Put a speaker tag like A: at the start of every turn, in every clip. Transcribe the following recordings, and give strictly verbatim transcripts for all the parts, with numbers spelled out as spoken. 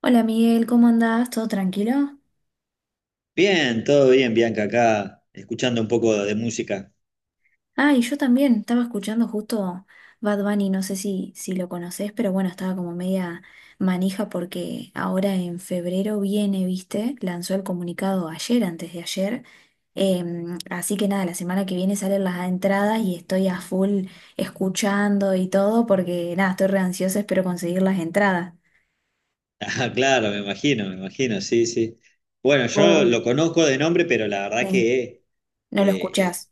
A: Hola Miguel, ¿cómo andás? ¿Todo tranquilo?
B: Bien, todo bien, Bianca, acá escuchando un poco de música.
A: Ah, y yo también, estaba escuchando justo Bad Bunny, no sé si, si lo conocés, pero bueno, estaba como media manija porque ahora en febrero viene, ¿viste? Lanzó el comunicado ayer, antes de ayer. Em, así que nada, la semana que viene salen las entradas y estoy a full escuchando y todo porque nada, estoy re ansiosa, espero conseguir las entradas.
B: Ah, claro, me imagino, me imagino, sí, sí. Bueno, yo
A: ¿Vos?
B: lo conozco de nombre, pero la verdad
A: Sí,
B: que
A: ¿no lo
B: eh, es-
A: escuchás?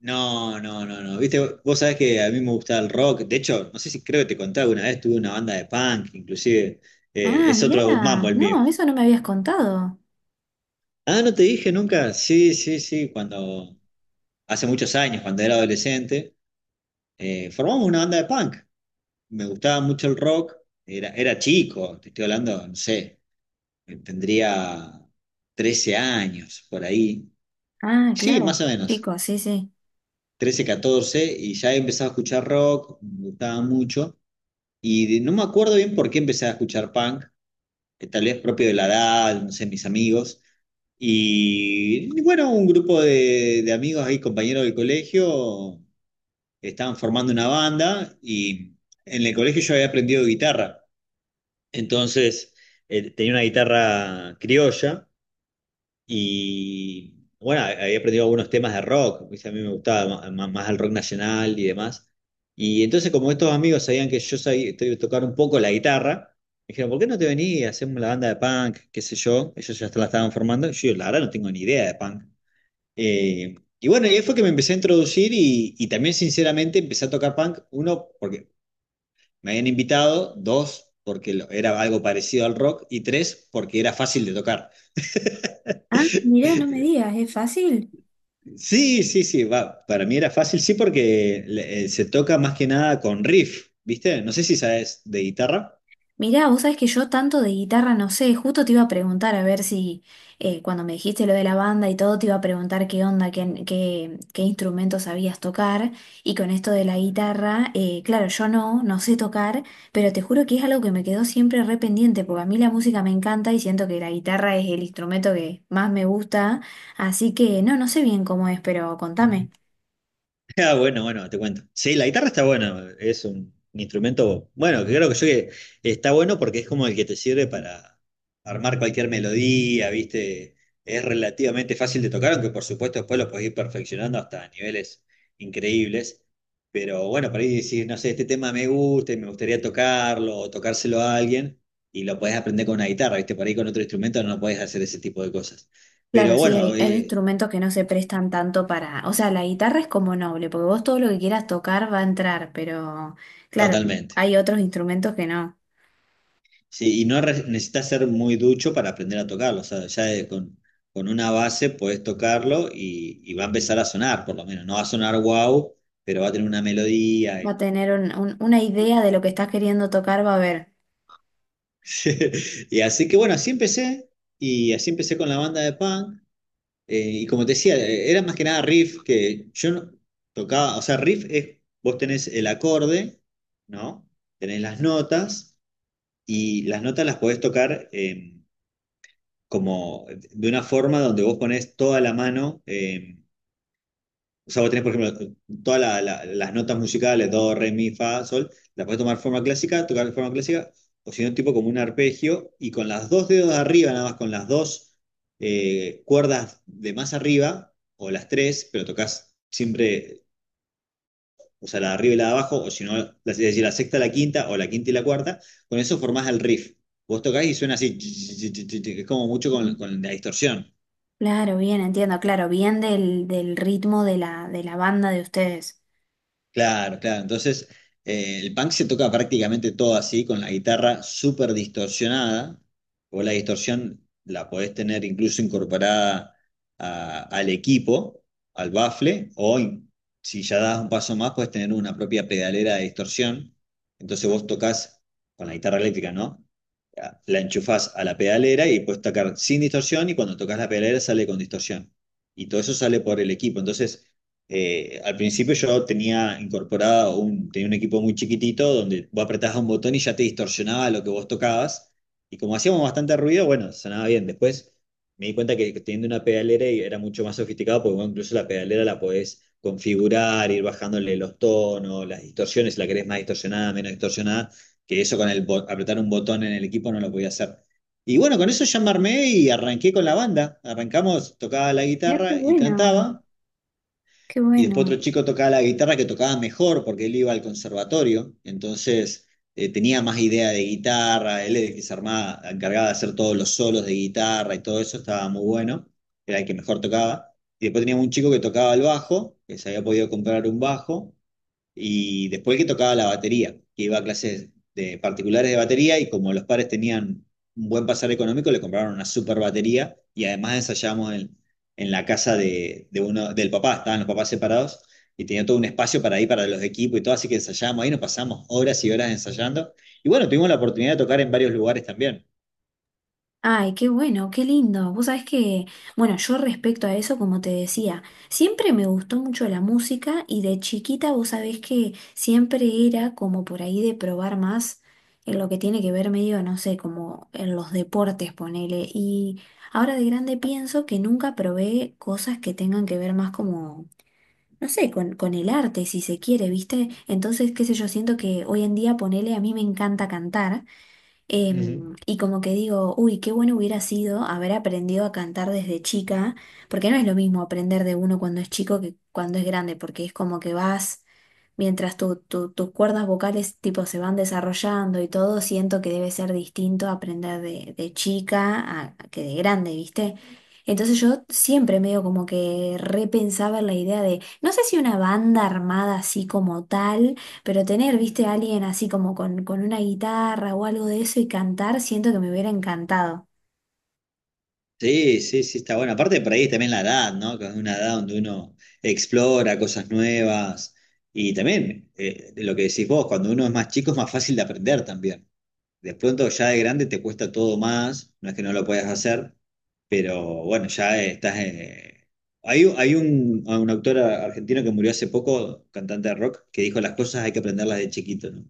B: no, no, no, no. Viste, vos sabés que a mí me gusta el rock. De hecho, no sé si creo que te conté alguna vez, tuve una banda de punk, inclusive. eh,
A: Ah,
B: es otro mambo
A: mirá,
B: el mío.
A: no, eso no me habías contado.
B: Ah, ¿no te dije nunca? Sí, sí, sí, cuando hace muchos años, cuando era adolescente, eh, formamos una banda de punk. Me gustaba mucho el rock, era, era chico, te estoy hablando, no sé, tendría trece años por ahí.
A: Ah,
B: Sí, más
A: claro,
B: o menos,
A: chicos, sí, sí.
B: trece catorce y ya he empezado a escuchar rock, me gustaba mucho, y de- no me acuerdo bien por qué empecé a escuchar punk, eh, tal vez propio de la edad, no sé, mis amigos. Y bueno, un grupo de, de amigos ahí, compañeros del colegio, estaban formando una banda y en el colegio yo había aprendido guitarra. Entonces, eh, tenía una guitarra criolla y, bueno, había aprendido algunos temas de rock, ¿viste? A mí me gustaba ma- ma- más, el rock nacional y demás. Y entonces, como estos amigos sabían que yo sabía to- tocar un poco la guitarra, me dijeron, ¿por qué no te venís y hacemos la banda de punk, qué sé yo? Ellos ya la estaban formando. Yo, la verdad, no tengo ni idea de punk. Eh, y bueno, y ahí fue que me empecé a introducir y, y también, sinceramente, empecé a tocar punk, uno, porque me habían invitado, dos, porque era algo parecido al rock, y tres, porque era fácil de tocar.
A: Ah, mirá, no me digas, es fácil.
B: Sí, sí, sí, va, para mí era fácil, sí, porque eh, se toca más que nada con riff, ¿viste? No sé si sabes de guitarra.
A: Mirá, vos sabés que yo tanto de guitarra no sé, justo te iba a preguntar a ver si eh, cuando me dijiste lo de la banda y todo, te iba a preguntar qué onda, qué, qué, qué instrumento sabías tocar. Y con esto de la guitarra, eh, claro, yo no, no sé tocar, pero te juro que es algo que me quedó siempre re pendiente, porque a mí la música me encanta y siento que la guitarra es el instrumento que más me gusta. Así que no, no sé bien cómo es, pero contame.
B: Ah, bueno, bueno, te cuento. Sí, la guitarra está buena, es un, un instrumento, bueno, que creo que yo que está bueno porque es como el que te sirve para armar cualquier melodía, ¿viste? Es relativamente fácil de tocar, aunque por supuesto después lo podés ir perfeccionando hasta niveles increíbles. Pero bueno, por ahí decís, no sé, este tema me gusta y me gustaría tocarlo o tocárselo a alguien y lo podés aprender con una guitarra, ¿viste? Por ahí con otro instrumento no podés hacer ese tipo de cosas.
A: Claro,
B: Pero
A: sí,
B: bueno,
A: hay, hay
B: eh,
A: instrumentos que no se prestan tanto para, o sea, la guitarra es como noble, porque vos todo lo que quieras tocar va a entrar, pero claro,
B: totalmente.
A: hay otros instrumentos que no.
B: Sí, y no re- necesitas ser muy ducho para aprender a tocarlo. O sea, ya de- con, con una base podés tocarlo y, y va a empezar a sonar, por lo menos. No va a sonar wow, pero va a tener una melodía.
A: Va
B: Y,
A: a tener un- un- una idea de lo que estás queriendo tocar, va a haber.
B: y así que bueno, así empecé. Y así empecé con la banda de punk. eh, y como te decía, eh, era más que nada riff que yo no tocaba. O sea, riff es, vos tenés el acorde, ¿no? Tenés las notas y las notas las podés tocar. Eh, como de una forma donde vos ponés toda la mano, eh, o sea, vos tenés, por ejemplo, todas la- la- las notas musicales, do, re, mi, fa, sol, las podés tomar forma clásica, tocar de forma clásica, o si no, tipo como un arpegio, y con las dos dedos de arriba, nada más con las dos eh, cuerdas de más arriba, o las tres, pero tocas siempre, o sea, la de arriba y la de abajo, o si no, la, es decir, la sexta, la quinta, o la quinta y la cuarta, con eso formás el riff. Vos tocás y suena así, es como mucho
A: Ujú.
B: con, con la distorsión.
A: Claro, bien, entiendo, claro, bien del, del ritmo de la, de la banda de ustedes.
B: Claro, claro. Entonces, eh, el punk se toca prácticamente todo así, con la guitarra súper distorsionada. O la distorsión la podés tener incluso incorporada a- al equipo, al bafle, o in- si ya das un paso más, podés tener una propia pedalera de distorsión. Entonces vos tocas con la guitarra eléctrica, ¿no? Ya, la enchufás a la pedalera y puedes tocar sin distorsión y cuando tocas la pedalera sale con distorsión. Y todo eso sale por el equipo. Entonces eh, al principio yo tenía incorporado un, tenía un equipo muy chiquitito donde vos apretabas un botón y ya te distorsionaba lo que vos tocabas. Y como hacíamos bastante ruido, bueno, sonaba bien. Después me di cuenta que teniendo una pedalera y era mucho más sofisticado porque bueno, incluso la pedalera la podés configurar, ir bajándole los tonos, las distorsiones, si la querés más distorsionada, menos distorsionada, que eso con el bo- apretar un botón en el equipo no lo podía hacer. Y bueno, con eso ya me armé y arranqué con la banda. Arrancamos, tocaba la
A: Mirá, qué
B: guitarra y
A: bueno,
B: cantaba.
A: qué
B: Y después otro
A: bueno.
B: chico tocaba la guitarra que tocaba mejor porque él iba al conservatorio, entonces eh, tenía más idea de guitarra, él es que se armaba, encargaba de hacer todos los solos de guitarra y todo eso, estaba muy bueno, era el que mejor tocaba. Y después teníamos un chico que tocaba el bajo, que se había podido comprar un bajo, y después que tocaba la batería, que iba a clases de particulares de batería y como los padres tenían un buen pasar económico, le compraron una super batería y además ensayamos en, en la casa de, de uno, del papá, estaban los papás separados y tenía todo un espacio para ir para los equipos y todo, así que ensayamos ahí, nos pasamos horas y horas ensayando. Y bueno, tuvimos la oportunidad de tocar en varios lugares también.
A: Ay, qué bueno, qué lindo. Vos sabés que, bueno, yo respecto a eso, como te decía, siempre me gustó mucho la música y de chiquita vos sabés que siempre era como por ahí de probar más en lo que tiene que ver medio, no sé, como en los deportes, ponele. Y ahora de grande pienso que nunca probé cosas que tengan que ver más como, no sé, con, con el arte, si se quiere, ¿viste? Entonces, qué sé yo, siento que hoy en día, ponele, a mí me encanta cantar.
B: Ujú.
A: Em, y como que digo, uy, qué bueno hubiera sido haber aprendido a cantar desde chica, porque no es lo mismo aprender de uno cuando es chico que cuando es grande, porque es como que vas mientras tu- tu- tus cuerdas vocales tipo se van desarrollando y todo, siento que debe ser distinto aprender de, de chica a, a que de grande, ¿viste? Entonces yo siempre medio como que repensaba en la idea de, no sé si una banda armada así como tal, pero tener, viste, a alguien así como con, con una guitarra o algo de eso y cantar, siento que me hubiera encantado.
B: Sí, sí, sí, está bueno. Aparte por ahí también la edad, ¿no? Que es una edad donde uno explora cosas nuevas. Y también, eh, de lo que decís vos, cuando uno es más chico es más fácil de aprender también. De pronto ya de grande te cuesta todo más, no es que no lo puedas hacer, pero bueno, ya estás... eh, Hay, hay un, un autor argentino que murió hace poco, cantante de rock, que dijo las cosas hay que aprenderlas de chiquito, ¿no?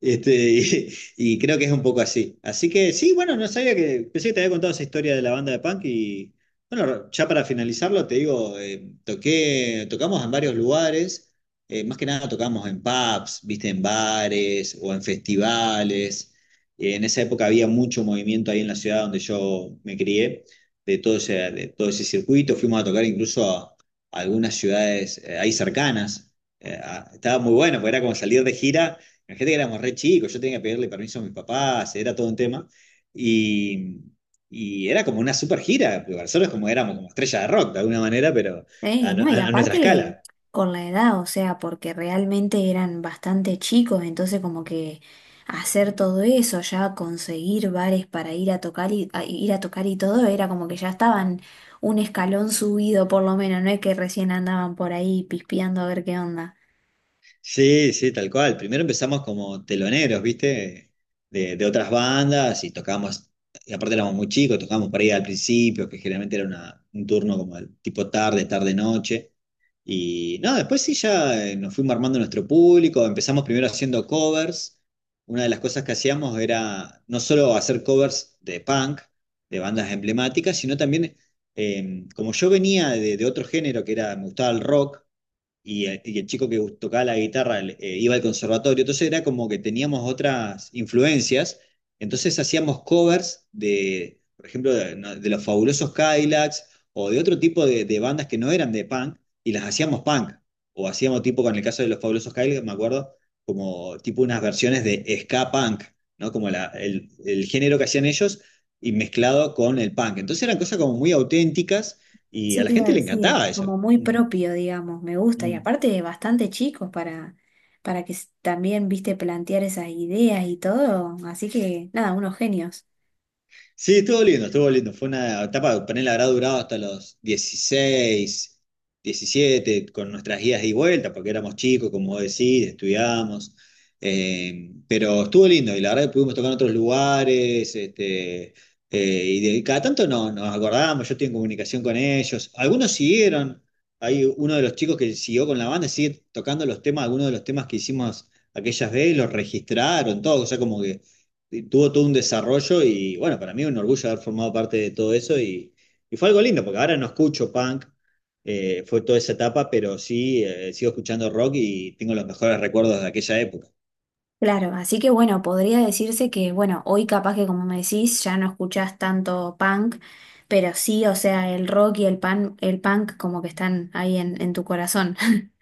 B: Este, y, y creo que es un poco así. Así que sí, bueno, no sabía que... Pensé que te había contado esa historia de la banda de punk y bueno, ya para finalizarlo, te digo, eh, toqué, tocamos en varios lugares, eh, más que nada tocamos en pubs, viste, en bares o en festivales. En esa época había mucho movimiento ahí en la ciudad donde yo me crié, de todo ese, de todo ese circuito. Fuimos a tocar incluso a, a algunas ciudades eh, ahí cercanas. Eh, a- estaba muy bueno, porque era como salir de gira. Imagínate que éramos re chicos, yo tenía que pedirle permiso a mis papás, era todo un tema. Y, y era como una super gira, porque nosotros como éramos como estrellas de rock de alguna manera, pero
A: Ey,
B: a, no-
A: no, y
B: a- a nuestra
A: aparte
B: escala.
A: con la edad, o sea, porque realmente eran bastante chicos, entonces como que hacer todo eso, ya conseguir bares para ir a tocar y a ir a tocar y todo, era como que ya estaban un escalón subido por lo menos, no es que recién andaban por ahí pispeando a ver qué onda.
B: Sí, sí, tal cual. Primero empezamos como teloneros, ¿viste? De, de otras bandas y tocábamos, y aparte éramos muy chicos, tocábamos por ahí al principio, que generalmente era una- un turno como el tipo tarde, tarde, noche. Y no, después sí ya eh, nos fuimos armando nuestro público, empezamos primero haciendo covers. Una de las cosas que hacíamos era no solo hacer covers de punk, de bandas emblemáticas, sino también, eh, como yo venía de, de otro género que era, me gustaba el rock y, el y el chico que tocaba la guitarra eh, iba al conservatorio, entonces era como que teníamos otras influencias, entonces hacíamos covers de, por ejemplo, de, no, de los Fabulosos Cadillacs o de otro tipo de, de bandas que no eran de punk y las hacíamos punk, o hacíamos tipo, con el caso de los Fabulosos Cadillacs, me acuerdo, como tipo unas versiones de ska punk, ¿no? Como la, el, el género que hacían ellos y mezclado con el punk. Entonces eran cosas como muy auténticas y
A: Eso
B: a la
A: te iba a
B: gente le
A: decir,
B: encantaba eso.
A: como muy
B: Mm,
A: propio, digamos, me gusta, y
B: mm.
A: aparte bastante chicos para, para que s- también, viste, plantear esas ideas y todo, así que nada, unos genios.
B: Sí, estuvo lindo, estuvo lindo. Fue una etapa, ponele, habrá durado hasta los dieciséis diecisiete con nuestras guías y vueltas, porque éramos chicos, como vos decís, estudiábamos. Eh, pero estuvo lindo, y la verdad que pudimos tocar en otros lugares, este, eh, y de, cada tanto no, nos acordábamos, yo estoy en comunicación con ellos. Algunos siguieron, hay uno de los chicos que siguió con la banda, sigue tocando los temas, algunos de los temas que hicimos aquellas veces, los registraron, todo, o sea, como que tuvo todo un desarrollo y bueno, para mí es un orgullo haber formado parte de todo eso y, y, fue algo lindo, porque ahora no escucho punk, eh, fue toda esa etapa, pero sí eh, sigo escuchando rock y tengo los mejores recuerdos de aquella época.
A: Claro, así que bueno, podría decirse que, bueno, hoy capaz que como me decís, ya no escuchás tanto punk, pero sí, o sea, el rock y el pan, el punk como que están ahí en, en tu corazón.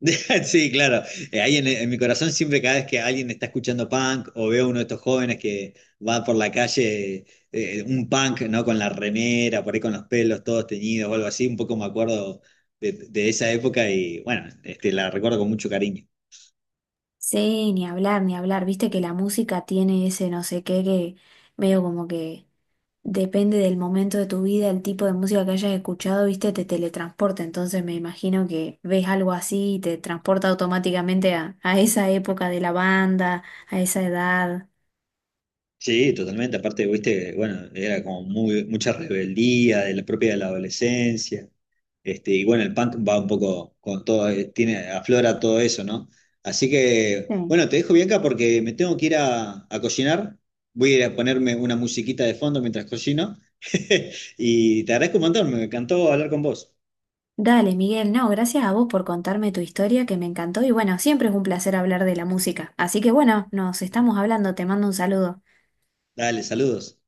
B: Sí, claro, eh, ahí en, en mi corazón siempre cada vez que alguien está escuchando punk o veo a uno de estos jóvenes que va por la calle, eh, un punk, ¿no? Con la remera, por ahí con los pelos todos teñidos o algo así, un poco me acuerdo de, de esa época y bueno, este, la recuerdo con mucho cariño.
A: Sí, ni hablar, ni hablar, viste que la música tiene ese no sé qué que medio como que depende del momento de tu vida, el tipo de música que hayas escuchado, viste, te teletransporta, entonces me imagino que ves algo así y te transporta automáticamente a, a esa época de la banda, a esa edad.
B: Sí, totalmente. Aparte, viste, bueno, era como muy, mucha rebeldía de la propia de la adolescencia. Este, y bueno, el punk va un poco con todo, eh, tiene, aflora todo eso, ¿no? Así que,
A: Sí.
B: bueno, te dejo Bianca porque me tengo que ir a, a cocinar. Voy a ir a ponerme una musiquita de fondo mientras cocino. Y te agradezco un montón, me encantó hablar con vos.
A: Dale, Miguel, no, gracias a vos por contarme tu historia que me encantó y bueno, siempre es un placer hablar de la música. Así que bueno, nos estamos hablando, te mando un saludo.
B: Dale, saludos.